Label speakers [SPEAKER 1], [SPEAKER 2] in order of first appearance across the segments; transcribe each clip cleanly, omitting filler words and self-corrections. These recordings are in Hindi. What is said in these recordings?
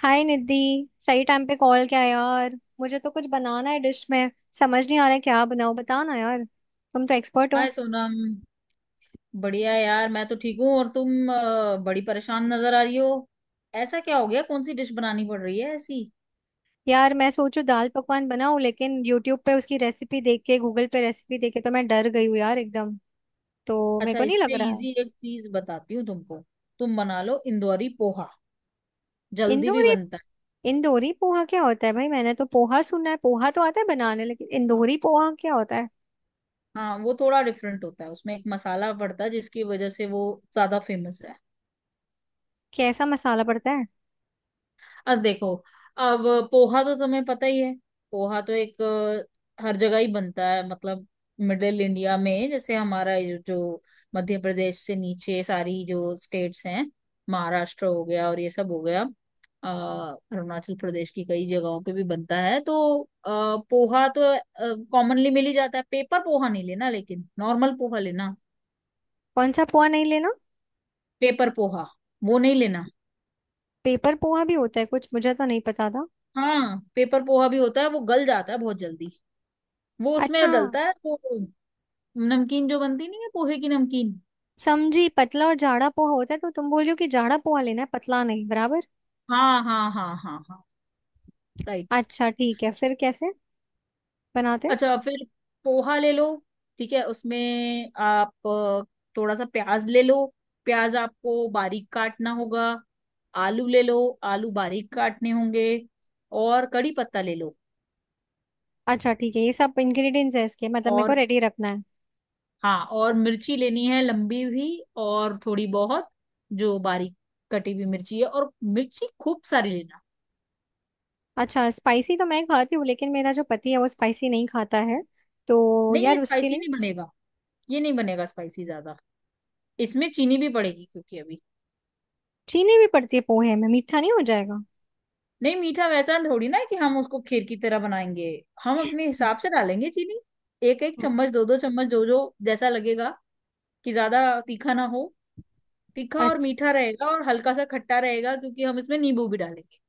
[SPEAKER 1] हाय निधि। सही टाइम पे कॉल किया यार, मुझे तो कुछ बनाना है, डिश में समझ नहीं आ रहा है क्या बनाऊं। बताओ ना यार, तुम तो एक्सपर्ट हो।
[SPEAKER 2] हाय सोनम। बढ़िया यार, मैं तो ठीक हूँ। और तुम बड़ी परेशान नजर आ रही हो। ऐसा क्या हो गया? कौन सी डिश बनानी पड़ रही है ऐसी?
[SPEAKER 1] यार मैं सोचू दाल पकवान बनाऊं, लेकिन यूट्यूब पे उसकी रेसिपी देख के, गूगल पे रेसिपी देख के तो मैं डर गई हूँ यार एकदम। तो मेरे
[SPEAKER 2] अच्छा,
[SPEAKER 1] को नहीं लग
[SPEAKER 2] इससे
[SPEAKER 1] रहा है।
[SPEAKER 2] इजी एक चीज बताती हूँ तुमको। तुम बना लो इंदौरी पोहा, जल्दी भी
[SPEAKER 1] इंदौरी?
[SPEAKER 2] बनता है।
[SPEAKER 1] इंदौरी पोहा क्या होता है भाई? मैंने तो पोहा सुना है, पोहा तो आता है बनाने, लेकिन इंदौरी पोहा क्या होता है?
[SPEAKER 2] हाँ, वो थोड़ा डिफरेंट होता है। उसमें एक मसाला पड़ता है जिसकी वजह से वो ज्यादा फेमस है।
[SPEAKER 1] कैसा मसाला पड़ता है?
[SPEAKER 2] अब देखो, अब पोहा तो तुम्हें पता ही है। पोहा तो एक हर जगह ही बनता है, मतलब मिडिल इंडिया में। जैसे हमारा ये जो मध्य प्रदेश से नीचे सारी जो स्टेट्स हैं, महाराष्ट्र हो गया और ये सब हो गया, अ, अरुणाचल प्रदेश की कई जगहों पे भी बनता है। तो पोहा तो कॉमनली मिल ही जाता है। पेपर पोहा नहीं लेना, लेकिन नॉर्मल पोहा लेना।
[SPEAKER 1] कौन सा पोहा नहीं लेना?
[SPEAKER 2] पेपर पोहा वो नहीं लेना।
[SPEAKER 1] पेपर पोहा भी होता है कुछ? मुझे तो नहीं पता था।
[SPEAKER 2] हाँ, पेपर पोहा भी होता है, वो गल जाता है बहुत जल्दी। वो उसमें
[SPEAKER 1] अच्छा।
[SPEAKER 2] डलता है तो नमकीन जो बनती नहीं है, पोहे की नमकीन।
[SPEAKER 1] समझी, पतला और जाड़ा पोहा होता है, तो तुम बोल रही हो कि जाड़ा पोहा लेना है पतला नहीं, बराबर।
[SPEAKER 2] हाँ, हाँ, हाँ, हाँ, हाँ। राइट।
[SPEAKER 1] अच्छा ठीक है, फिर कैसे बनाते हैं?
[SPEAKER 2] अच्छा, फिर पोहा ले लो। ठीक है, उसमें आप थोड़ा सा प्याज ले लो। प्याज आपको बारीक काटना होगा। आलू ले लो, आलू बारीक काटने होंगे। और कड़ी पत्ता ले लो।
[SPEAKER 1] अच्छा ठीक है, ये सब इंग्रेडिएंट्स है इसके मतलब, मेरे को
[SPEAKER 2] और,
[SPEAKER 1] रेडी रखना है।
[SPEAKER 2] हाँ, और मिर्ची लेनी है, लंबी भी, और थोड़ी बहुत जो बारीक कटी हुई मिर्ची है, और मिर्ची खूब सारी लेना।
[SPEAKER 1] अच्छा स्पाइसी तो मैं खाती हूँ, लेकिन मेरा जो पति है वो स्पाइसी नहीं खाता है, तो
[SPEAKER 2] नहीं, ये
[SPEAKER 1] यार उसके
[SPEAKER 2] स्पाइसी
[SPEAKER 1] लिए।
[SPEAKER 2] नहीं बनेगा, ये नहीं बनेगा स्पाइसी ज्यादा। इसमें चीनी भी पड़ेगी क्योंकि अभी,
[SPEAKER 1] चीनी भी पड़ती है पोहे में? मीठा नहीं हो जाएगा?
[SPEAKER 2] नहीं, मीठा वैसा थोड़ी ना है कि हम उसको खीर की तरह बनाएंगे। हम अपने हिसाब से डालेंगे चीनी, एक एक
[SPEAKER 1] हम्म।
[SPEAKER 2] चम्मच, दो दो चम्मच, जो जो जैसा लगेगा, कि ज्यादा तीखा ना हो। तीखा और
[SPEAKER 1] अच्छा।
[SPEAKER 2] मीठा रहेगा और हल्का सा खट्टा रहेगा, क्योंकि हम इसमें नींबू भी डालेंगे।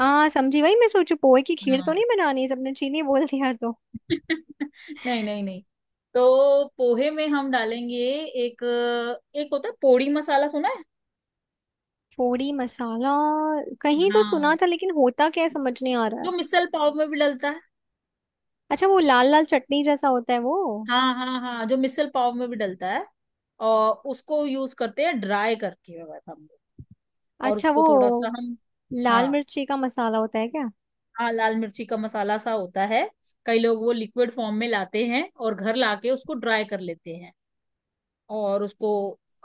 [SPEAKER 1] हाँ समझी, वही मैं सोचू पोहे की खीर तो
[SPEAKER 2] हाँ।
[SPEAKER 1] नहीं बनानी, सबने चीनी बोल दिया तो।
[SPEAKER 2] नहीं, नहीं, नहीं। तो पोहे में हम डालेंगे एक, एक होता है पोड़ी मसाला, सुना है?
[SPEAKER 1] पोड़ी मसाला कहीं तो सुना
[SPEAKER 2] हाँ,
[SPEAKER 1] था, लेकिन होता क्या है समझ नहीं आ रहा है।
[SPEAKER 2] जो मिसल पाव में भी डलता है।
[SPEAKER 1] अच्छा, वो लाल लाल चटनी जैसा होता है वो?
[SPEAKER 2] हाँ, हाँ, हाँ, जो मिसल पाव में भी डलता है। और उसको यूज करते हैं ड्राई करके, अगर हम लोग। और
[SPEAKER 1] अच्छा, वो
[SPEAKER 2] उसको थोड़ा सा हम, हाँ,
[SPEAKER 1] लाल मिर्ची का मसाला होता है क्या?
[SPEAKER 2] हाँ, लाल मिर्ची का मसाला सा होता है। कई लोग वो लिक्विड फॉर्म में लाते हैं और घर लाके उसको ड्राई कर लेते हैं, और उसको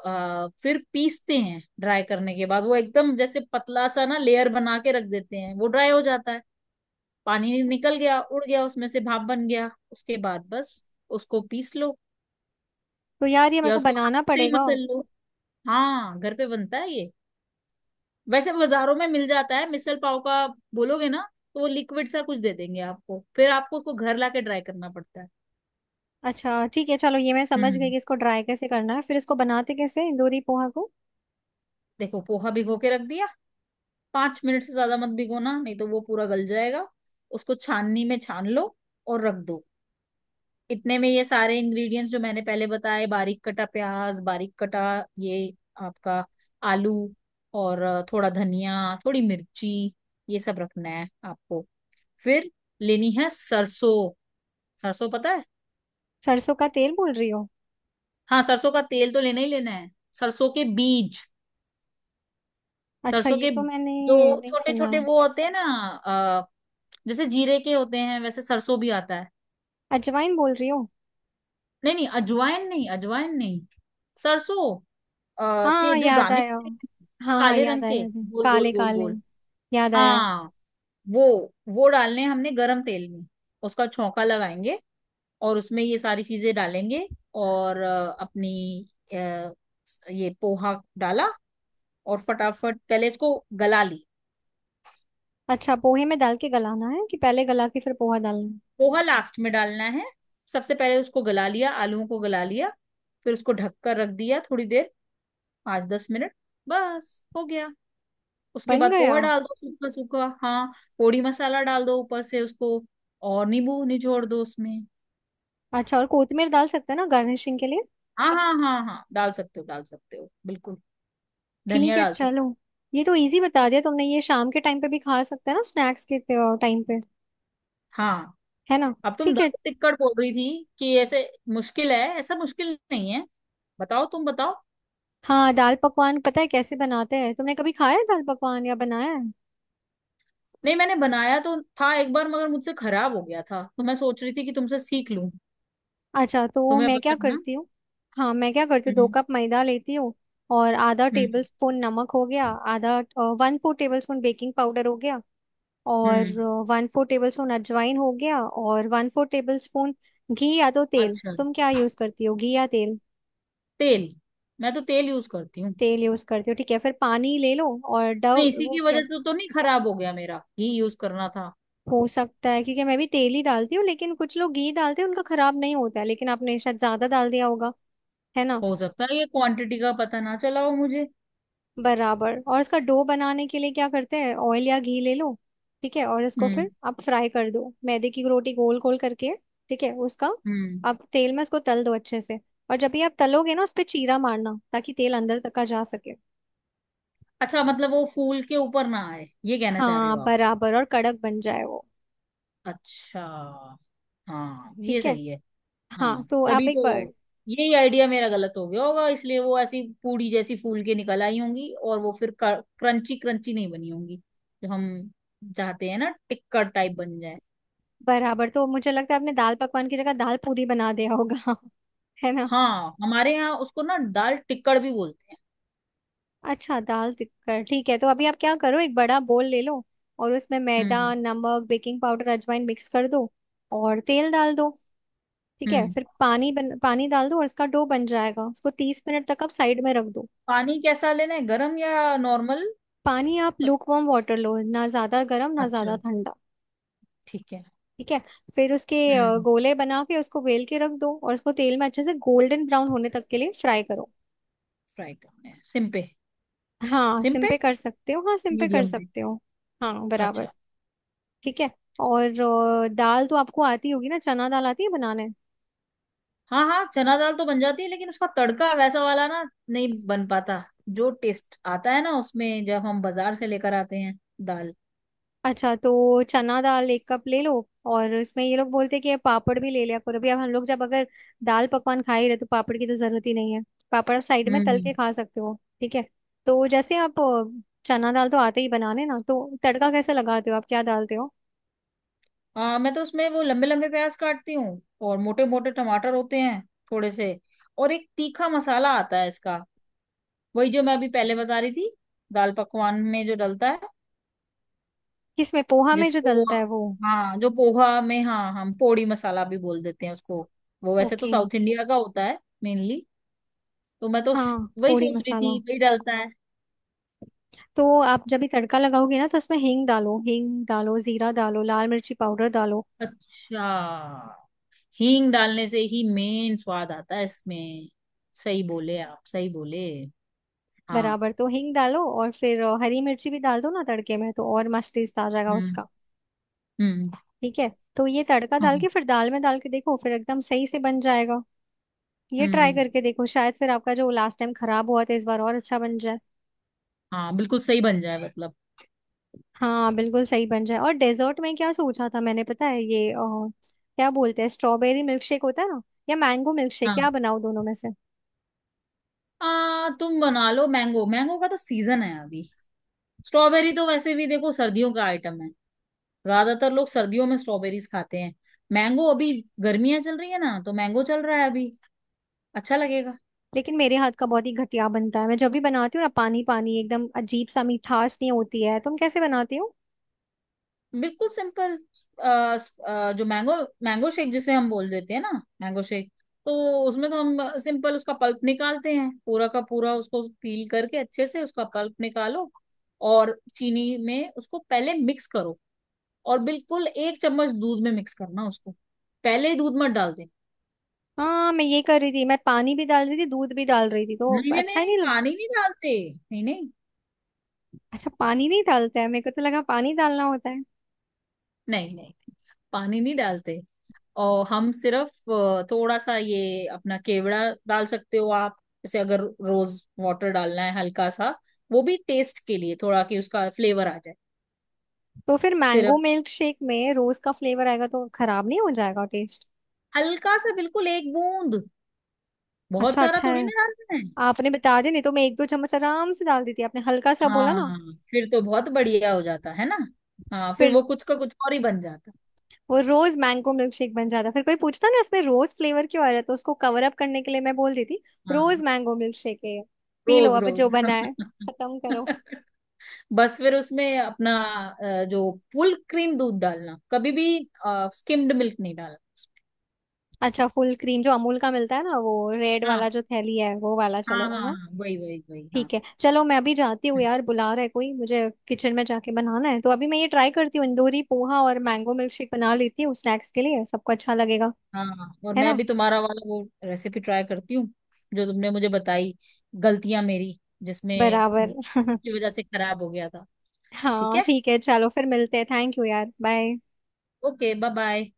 [SPEAKER 2] फिर पीसते हैं, ड्राई करने के बाद वो एकदम जैसे पतला सा ना लेयर बना के रख देते हैं। वो ड्राई हो जाता है, पानी निकल गया, उड़ गया उसमें से, भाप बन गया। उसके बाद बस उसको पीस लो,
[SPEAKER 1] तो यार ये मेरे
[SPEAKER 2] या
[SPEAKER 1] को
[SPEAKER 2] उसको
[SPEAKER 1] बनाना
[SPEAKER 2] हाथ से ही
[SPEAKER 1] पड़ेगा?
[SPEAKER 2] मसल लो। हाँ, घर पे बनता है ये। वैसे बाजारों में मिल जाता है, मिसल पाव का बोलोगे ना तो वो लिक्विड सा कुछ दे देंगे आपको, फिर आपको उसको घर लाके ड्राई करना पड़ता है।
[SPEAKER 1] अच्छा ठीक है चलो, ये मैं समझ गई
[SPEAKER 2] हम्म।
[SPEAKER 1] कि इसको ड्राई कैसे करना है, फिर इसको बनाते कैसे दोरी पोहा को?
[SPEAKER 2] देखो, पोहा भिगो के रख दिया, 5 मिनट से ज्यादा मत भिगोना, नहीं तो वो पूरा गल जाएगा। उसको छाननी में छान लो और रख दो। इतने में ये सारे इंग्रेडिएंट्स जो मैंने पहले बताए, बारीक कटा प्याज, बारीक कटा ये आपका आलू, और थोड़ा धनिया, थोड़ी मिर्ची, ये सब रखना है आपको। फिर लेनी है सरसों। सरसों पता है?
[SPEAKER 1] सरसों का तेल बोल रही हो?
[SPEAKER 2] हाँ, सरसों का तेल तो लेना ही लेना है। सरसों के बीज,
[SPEAKER 1] अच्छा,
[SPEAKER 2] सरसों
[SPEAKER 1] ये
[SPEAKER 2] के
[SPEAKER 1] तो मैंने
[SPEAKER 2] जो
[SPEAKER 1] नहीं
[SPEAKER 2] छोटे
[SPEAKER 1] सुना
[SPEAKER 2] छोटे
[SPEAKER 1] है।
[SPEAKER 2] वो होते हैं ना, अ, जैसे जीरे के होते हैं वैसे सरसों भी आता है।
[SPEAKER 1] अजवाइन बोल रही हो?
[SPEAKER 2] नहीं, नहीं, अजवाइन नहीं, अजवाइन नहीं। सरसों के
[SPEAKER 1] हाँ
[SPEAKER 2] जो
[SPEAKER 1] याद
[SPEAKER 2] दाने
[SPEAKER 1] आया,
[SPEAKER 2] होते हैं,
[SPEAKER 1] हाँ हाँ
[SPEAKER 2] काले
[SPEAKER 1] याद
[SPEAKER 2] रंग
[SPEAKER 1] आया
[SPEAKER 2] के,
[SPEAKER 1] याद आया,
[SPEAKER 2] गोल गोल
[SPEAKER 1] काले
[SPEAKER 2] गोल
[SPEAKER 1] काले।
[SPEAKER 2] गोल।
[SPEAKER 1] याद आया।
[SPEAKER 2] हाँ, वो वो डालने हैं हमने गरम तेल में, उसका छौंका लगाएंगे और उसमें ये सारी चीजें डालेंगे। और अपनी अ, ये पोहा डाला, और फटाफट पहले इसको गला ली।
[SPEAKER 1] अच्छा, पोहे में डाल के गलाना है कि पहले गला के फिर पोहा डालना है?
[SPEAKER 2] पोहा लास्ट में डालना है, सबसे पहले उसको गला लिया, आलूओं को गला लिया, फिर उसको ढक कर रख दिया थोड़ी देर, 5-10 मिनट, बस हो गया। उसके
[SPEAKER 1] बन
[SPEAKER 2] बाद
[SPEAKER 1] गया।
[SPEAKER 2] पोहा डाल दो, सूखा सूखा, हाँ। पोड़ी मसाला डाल दो ऊपर से उसको, और नींबू निचोड़ दो उसमें।
[SPEAKER 1] अच्छा और कोथिमीर डाल सकते हैं ना गार्निशिंग के लिए?
[SPEAKER 2] हाँ, हाँ, हाँ, हाँ, डाल सकते हो, डाल सकते हो, बिल्कुल। धनिया
[SPEAKER 1] ठीक है
[SPEAKER 2] डाल सकते
[SPEAKER 1] चलो। ये तो इजी बता दिया तुमने, ये शाम के टाइम पे भी खा सकते हैं ना स्नैक्स के टाइम पे?
[SPEAKER 2] हो। हाँ,
[SPEAKER 1] है ना?
[SPEAKER 2] अब तुम
[SPEAKER 1] ठीक है।
[SPEAKER 2] दाल टिक्कड़ बोल रही थी कि ऐसे मुश्किल है, ऐसा मुश्किल नहीं है। बताओ, तुम बताओ।
[SPEAKER 1] हाँ दाल पकवान पता है कैसे बनाते हैं, तुमने कभी खाया है दाल पकवान या बनाया है?
[SPEAKER 2] नहीं, मैंने बनाया तो था एक बार, मगर मुझसे खराब हो गया था, तो मैं सोच रही थी कि तुमसे सीख लूं।
[SPEAKER 1] अच्छा, तो
[SPEAKER 2] तुम्हें
[SPEAKER 1] मैं क्या
[SPEAKER 2] पता है ना।
[SPEAKER 1] करती हूँ। हाँ मैं क्या करती हूँ, दो
[SPEAKER 2] हम्म।
[SPEAKER 1] कप मैदा लेती हूँ। और आधा
[SPEAKER 2] हम्म।
[SPEAKER 1] टेबल स्पून नमक हो गया। आधा, ¼ टेबल स्पून बेकिंग पाउडर हो गया। और
[SPEAKER 2] हम्म।
[SPEAKER 1] ¼ टेबल स्पून अजवाइन हो गया। और वन फोर टेबल स्पून घी या तो तेल,
[SPEAKER 2] अच्छा,
[SPEAKER 1] तुम क्या यूज करती हो, घी या तेल?
[SPEAKER 2] तेल, मैं तो तेल यूज करती हूँ।
[SPEAKER 1] तेल यूज करती हूँ, ठीक है, फिर पानी ले लो। और
[SPEAKER 2] नहीं,
[SPEAKER 1] डव
[SPEAKER 2] इसी
[SPEAKER 1] वो
[SPEAKER 2] की
[SPEAKER 1] क्या।
[SPEAKER 2] वजह से तो नहीं खराब हो गया मेरा, घी यूज करना था।
[SPEAKER 1] हो सकता है, क्योंकि मैं भी तेल ही डालती हूँ, लेकिन कुछ लोग घी डालते हैं उनका खराब नहीं होता है, लेकिन आपने शायद ज्यादा डाल दिया होगा, है ना?
[SPEAKER 2] हो सकता है, ये क्वांटिटी का पता ना चला हो मुझे।
[SPEAKER 1] बराबर। और इसका डो बनाने के लिए क्या करते हैं, ऑयल या घी ले लो, ठीक है। और इसको फिर
[SPEAKER 2] हम्म।
[SPEAKER 1] आप फ्राई कर दो, मैदे की रोटी गोल गोल करके, ठीक है उसका।
[SPEAKER 2] हम्म।
[SPEAKER 1] आप तेल में इसको तल दो अच्छे से। और जब भी आप तलोगे ना, उस पे चीरा मारना ताकि तेल अंदर तक का जा सके।
[SPEAKER 2] अच्छा, मतलब वो फूल के ऊपर ना आए, ये कहना चाह रहे हो
[SPEAKER 1] हाँ
[SPEAKER 2] आप?
[SPEAKER 1] बराबर, और कड़क बन जाए वो।
[SPEAKER 2] अच्छा। हाँ, ये
[SPEAKER 1] ठीक है।
[SPEAKER 2] सही है।
[SPEAKER 1] हाँ
[SPEAKER 2] हाँ,
[SPEAKER 1] तो आप
[SPEAKER 2] तभी
[SPEAKER 1] एक बार।
[SPEAKER 2] तो, यही आइडिया मेरा गलत हो गया होगा, इसलिए वो ऐसी पूड़ी जैसी फूल के निकल आई होंगी और वो फिर क्रंची क्रंची नहीं बनी होंगी, जो हम चाहते हैं ना टिक्कर टाइप बन जाए।
[SPEAKER 1] बराबर, तो मुझे लगता है आपने दाल पकवान की जगह दाल पूरी बना दिया होगा। है ना?
[SPEAKER 2] हाँ, हमारे यहाँ उसको ना दाल टिक्कड़ भी बोलते हैं।
[SPEAKER 1] अच्छा, दाल टिक्कर ठीक है, तो अभी आप क्या करो, एक बड़ा बोल ले लो, और उसमें मैदा,
[SPEAKER 2] हम्म।
[SPEAKER 1] नमक, बेकिंग पाउडर, अजवाइन मिक्स कर दो, और तेल डाल दो। ठीक है,
[SPEAKER 2] हम्म।
[SPEAKER 1] फिर पानी डाल दो और इसका डो बन जाएगा, उसको 30 मिनट तक आप साइड में रख दो।
[SPEAKER 2] पानी कैसा लेना है, गरम या नॉर्मल?
[SPEAKER 1] पानी आप लूकवार्म वाटर लो, ना ज्यादा गर्म ना ज्यादा
[SPEAKER 2] अच्छा,
[SPEAKER 1] ठंडा।
[SPEAKER 2] ठीक है।
[SPEAKER 1] ठीक है। फिर उसके
[SPEAKER 2] हम्म।
[SPEAKER 1] गोले बना के उसको बेल के रख दो, और उसको तेल में अच्छे से गोल्डन ब्राउन होने तक के लिए फ्राई करो।
[SPEAKER 2] फ्राई करना है सिम पे?
[SPEAKER 1] हाँ
[SPEAKER 2] सिम
[SPEAKER 1] सिम
[SPEAKER 2] पे,
[SPEAKER 1] पे कर सकते हो, हाँ सिम पे कर
[SPEAKER 2] मीडियम पे।
[SPEAKER 1] सकते हो। हाँ बराबर।
[SPEAKER 2] अच्छा।
[SPEAKER 1] ठीक है। और दाल तो आपको आती होगी ना, चना दाल आती है बनाने?
[SPEAKER 2] हाँ, हाँ, चना दाल तो बन जाती है, लेकिन उसका तड़का वैसा वाला ना, नहीं बन पाता, जो टेस्ट आता है ना उसमें जब हम बाजार से लेकर आते हैं दाल।
[SPEAKER 1] अच्छा तो चना दाल 1 कप ले लो। और इसमें ये लोग बोलते हैं कि पापड़ भी ले लिया करो, अभी अब हम लोग जब अगर दाल पकवान खा ही रहे तो पापड़ की तो जरूरत ही नहीं है, पापड़ आप साइड
[SPEAKER 2] हम्म।
[SPEAKER 1] में तल
[SPEAKER 2] हम्म।
[SPEAKER 1] के खा सकते हो। ठीक है। तो जैसे आप चना दाल तो आते ही बनाने ना, तो तड़का कैसे लगाते हो, आप क्या डालते हो?
[SPEAKER 2] मैं तो उसमें वो लंबे लंबे प्याज काटती हूँ, और मोटे मोटे टमाटर होते हैं थोड़े से, और एक तीखा मसाला आता है इसका, वही जो मैं अभी पहले बता रही थी, दाल पकवान में जो डलता है,
[SPEAKER 1] किसमें, पोहा में जो
[SPEAKER 2] जिसको,
[SPEAKER 1] डलता है वो?
[SPEAKER 2] हाँ, जो पोहा में, हाँ, हम पोड़ी मसाला भी बोल देते हैं उसको। वो वैसे तो
[SPEAKER 1] ओके।
[SPEAKER 2] साउथ इंडिया का होता है, मेनली। तो मैं तो श-
[SPEAKER 1] हाँ
[SPEAKER 2] वही
[SPEAKER 1] पोड़ी
[SPEAKER 2] सोच रही थी,
[SPEAKER 1] मसाला,
[SPEAKER 2] वही डालता है।
[SPEAKER 1] तो आप जब भी तड़का लगाओगे ना तो उसमें हींग डालो, हींग डालो, जीरा डालो, लाल मिर्ची पाउडर डालो।
[SPEAKER 2] अच्छा, हींग डालने से ही मेन स्वाद आता है इसमें। सही बोले आप, सही बोले। हाँ।
[SPEAKER 1] बराबर, तो हींग डालो और फिर हरी मिर्ची भी डाल दो ना तड़के में, तो और मस्त टेस्ट आ जाएगा
[SPEAKER 2] हम्म।
[SPEAKER 1] उसका।
[SPEAKER 2] हम्म।
[SPEAKER 1] ठीक है। तो ये तड़का डाल के
[SPEAKER 2] हाँ।
[SPEAKER 1] फिर दाल में डाल के देखो, फिर एकदम सही से बन जाएगा। ये ट्राई
[SPEAKER 2] हम्म।
[SPEAKER 1] करके देखो, शायद फिर आपका जो लास्ट टाइम खराब हुआ था इस बार और अच्छा बन जाए।
[SPEAKER 2] हाँ, बिल्कुल सही बन जाए, मतलब।
[SPEAKER 1] हाँ बिल्कुल सही बन जाए। और डेजर्ट में क्या सोचा था मैंने पता है, ये क्या बोलते हैं, स्ट्रॉबेरी मिल्क शेक होता है ना, या मैंगो मिल्क शेक, क्या
[SPEAKER 2] हाँ,
[SPEAKER 1] बनाओ दोनों में से?
[SPEAKER 2] तुम बना लो मैंगो, मैंगो का तो सीजन है अभी। स्ट्रॉबेरी तो वैसे भी देखो सर्दियों का आइटम है, ज्यादातर लोग सर्दियों में स्ट्रॉबेरीज खाते हैं। मैंगो अभी, गर्मियां चल रही है ना, तो मैंगो चल रहा है अभी, अच्छा लगेगा।
[SPEAKER 1] लेकिन मेरे हाथ का बहुत ही घटिया बनता है, मैं जब भी बनाती हूँ ना, पानी पानी एकदम अजीब सा, मिठास नहीं होती है, तुम कैसे बनाती हो?
[SPEAKER 2] बिल्कुल सिंपल। जो मैंगो मैंगो शेक जिसे हम बोल देते हैं ना, मैंगो शेक, तो उसमें तो हम सिंपल उसका पल्प निकालते हैं पूरा का पूरा। उसको पील करके अच्छे से उसका पल्प निकालो, और चीनी में उसको पहले मिक्स करो, और बिल्कुल 1 चम्मच दूध में मिक्स करना उसको, पहले ही दूध मत डाल देना।
[SPEAKER 1] हाँ मैं ये कर रही थी, मैं पानी भी डाल रही थी दूध भी डाल रही थी, तो
[SPEAKER 2] नहीं, नहीं,
[SPEAKER 1] अच्छा
[SPEAKER 2] नहीं,
[SPEAKER 1] ही
[SPEAKER 2] नहीं,
[SPEAKER 1] नहीं लग।
[SPEAKER 2] पानी नहीं डालते। नहीं, नहीं,
[SPEAKER 1] अच्छा पानी नहीं डालते हैं? मेरे को तो लगा पानी डालना होता है।
[SPEAKER 2] नहीं, नहीं, पानी नहीं डालते। और हम सिर्फ थोड़ा सा ये अपना केवड़ा डाल सकते हो आप। जैसे अगर रोज वाटर डालना है हल्का सा, वो भी टेस्ट के लिए थोड़ा, कि उसका फ्लेवर आ जाए।
[SPEAKER 1] तो फिर मैंगो
[SPEAKER 2] सिर्फ
[SPEAKER 1] मिल्क शेक में रोज का फ्लेवर आएगा, तो खराब नहीं हो जाएगा टेस्ट?
[SPEAKER 2] हल्का सा, बिल्कुल 1 बूंद, बहुत
[SPEAKER 1] अच्छा,
[SPEAKER 2] सारा
[SPEAKER 1] अच्छा है।
[SPEAKER 2] थोड़ी ना डालना है।
[SPEAKER 1] आपने बता दिया, नहीं तो मैं एक दो चम्मच आराम से डाल देती, आपने हल्का सा बोला ना।
[SPEAKER 2] हाँ, फिर तो बहुत बढ़िया हो जाता है ना। हाँ, फिर
[SPEAKER 1] फिर
[SPEAKER 2] वो कुछ का कुछ और ही बन जाता।
[SPEAKER 1] वो रोज मैंगो मिल्कशेक बन जाता, फिर कोई पूछता ना, इसमें रोज फ्लेवर क्यों आ रहा है, तो उसको कवर अप करने के लिए मैं बोल देती, रोज
[SPEAKER 2] हाँ,
[SPEAKER 1] मैंगो मिल्कशेक है ये, पी लो
[SPEAKER 2] रोज
[SPEAKER 1] अब जो
[SPEAKER 2] रोज।
[SPEAKER 1] बना है, खत्म करो।
[SPEAKER 2] बस फिर उसमें अपना जो फुल क्रीम दूध डालना कभी भी, स्किम्ड मिल्क नहीं डालना।
[SPEAKER 1] अच्छा, फुल क्रीम जो अमूल का मिलता है ना, वो रेड
[SPEAKER 2] हाँ,
[SPEAKER 1] वाला जो थैली है, वो वाला
[SPEAKER 2] हाँ,
[SPEAKER 1] चलेगा
[SPEAKER 2] हाँ,
[SPEAKER 1] ना?
[SPEAKER 2] हाँ, वही वही वही, हाँ।
[SPEAKER 1] ठीक है चलो, मैं अभी जाती हूँ
[SPEAKER 2] हम्म।
[SPEAKER 1] यार, बुला रहा है कोई मुझे, किचन में जाके बनाना है, तो अभी मैं ये ट्राई करती हूँ इंदौरी पोहा और मैंगो मिल्कशेक बना लेती हूँ, स्नैक्स के लिए सबको अच्छा लगेगा,
[SPEAKER 2] हाँ, हाँ, और
[SPEAKER 1] है
[SPEAKER 2] मैं
[SPEAKER 1] ना?
[SPEAKER 2] भी तुम्हारा वाला वो रेसिपी ट्राई करती हूँ, जो तुमने मुझे बताई। गलतियां मेरी, जिसमें
[SPEAKER 1] बराबर।
[SPEAKER 2] की वजह से खराब हो गया था। ठीक
[SPEAKER 1] हाँ
[SPEAKER 2] है।
[SPEAKER 1] ठीक है चलो, फिर मिलते हैं, थैंक यू यार, बाय।
[SPEAKER 2] Okay, bye bye.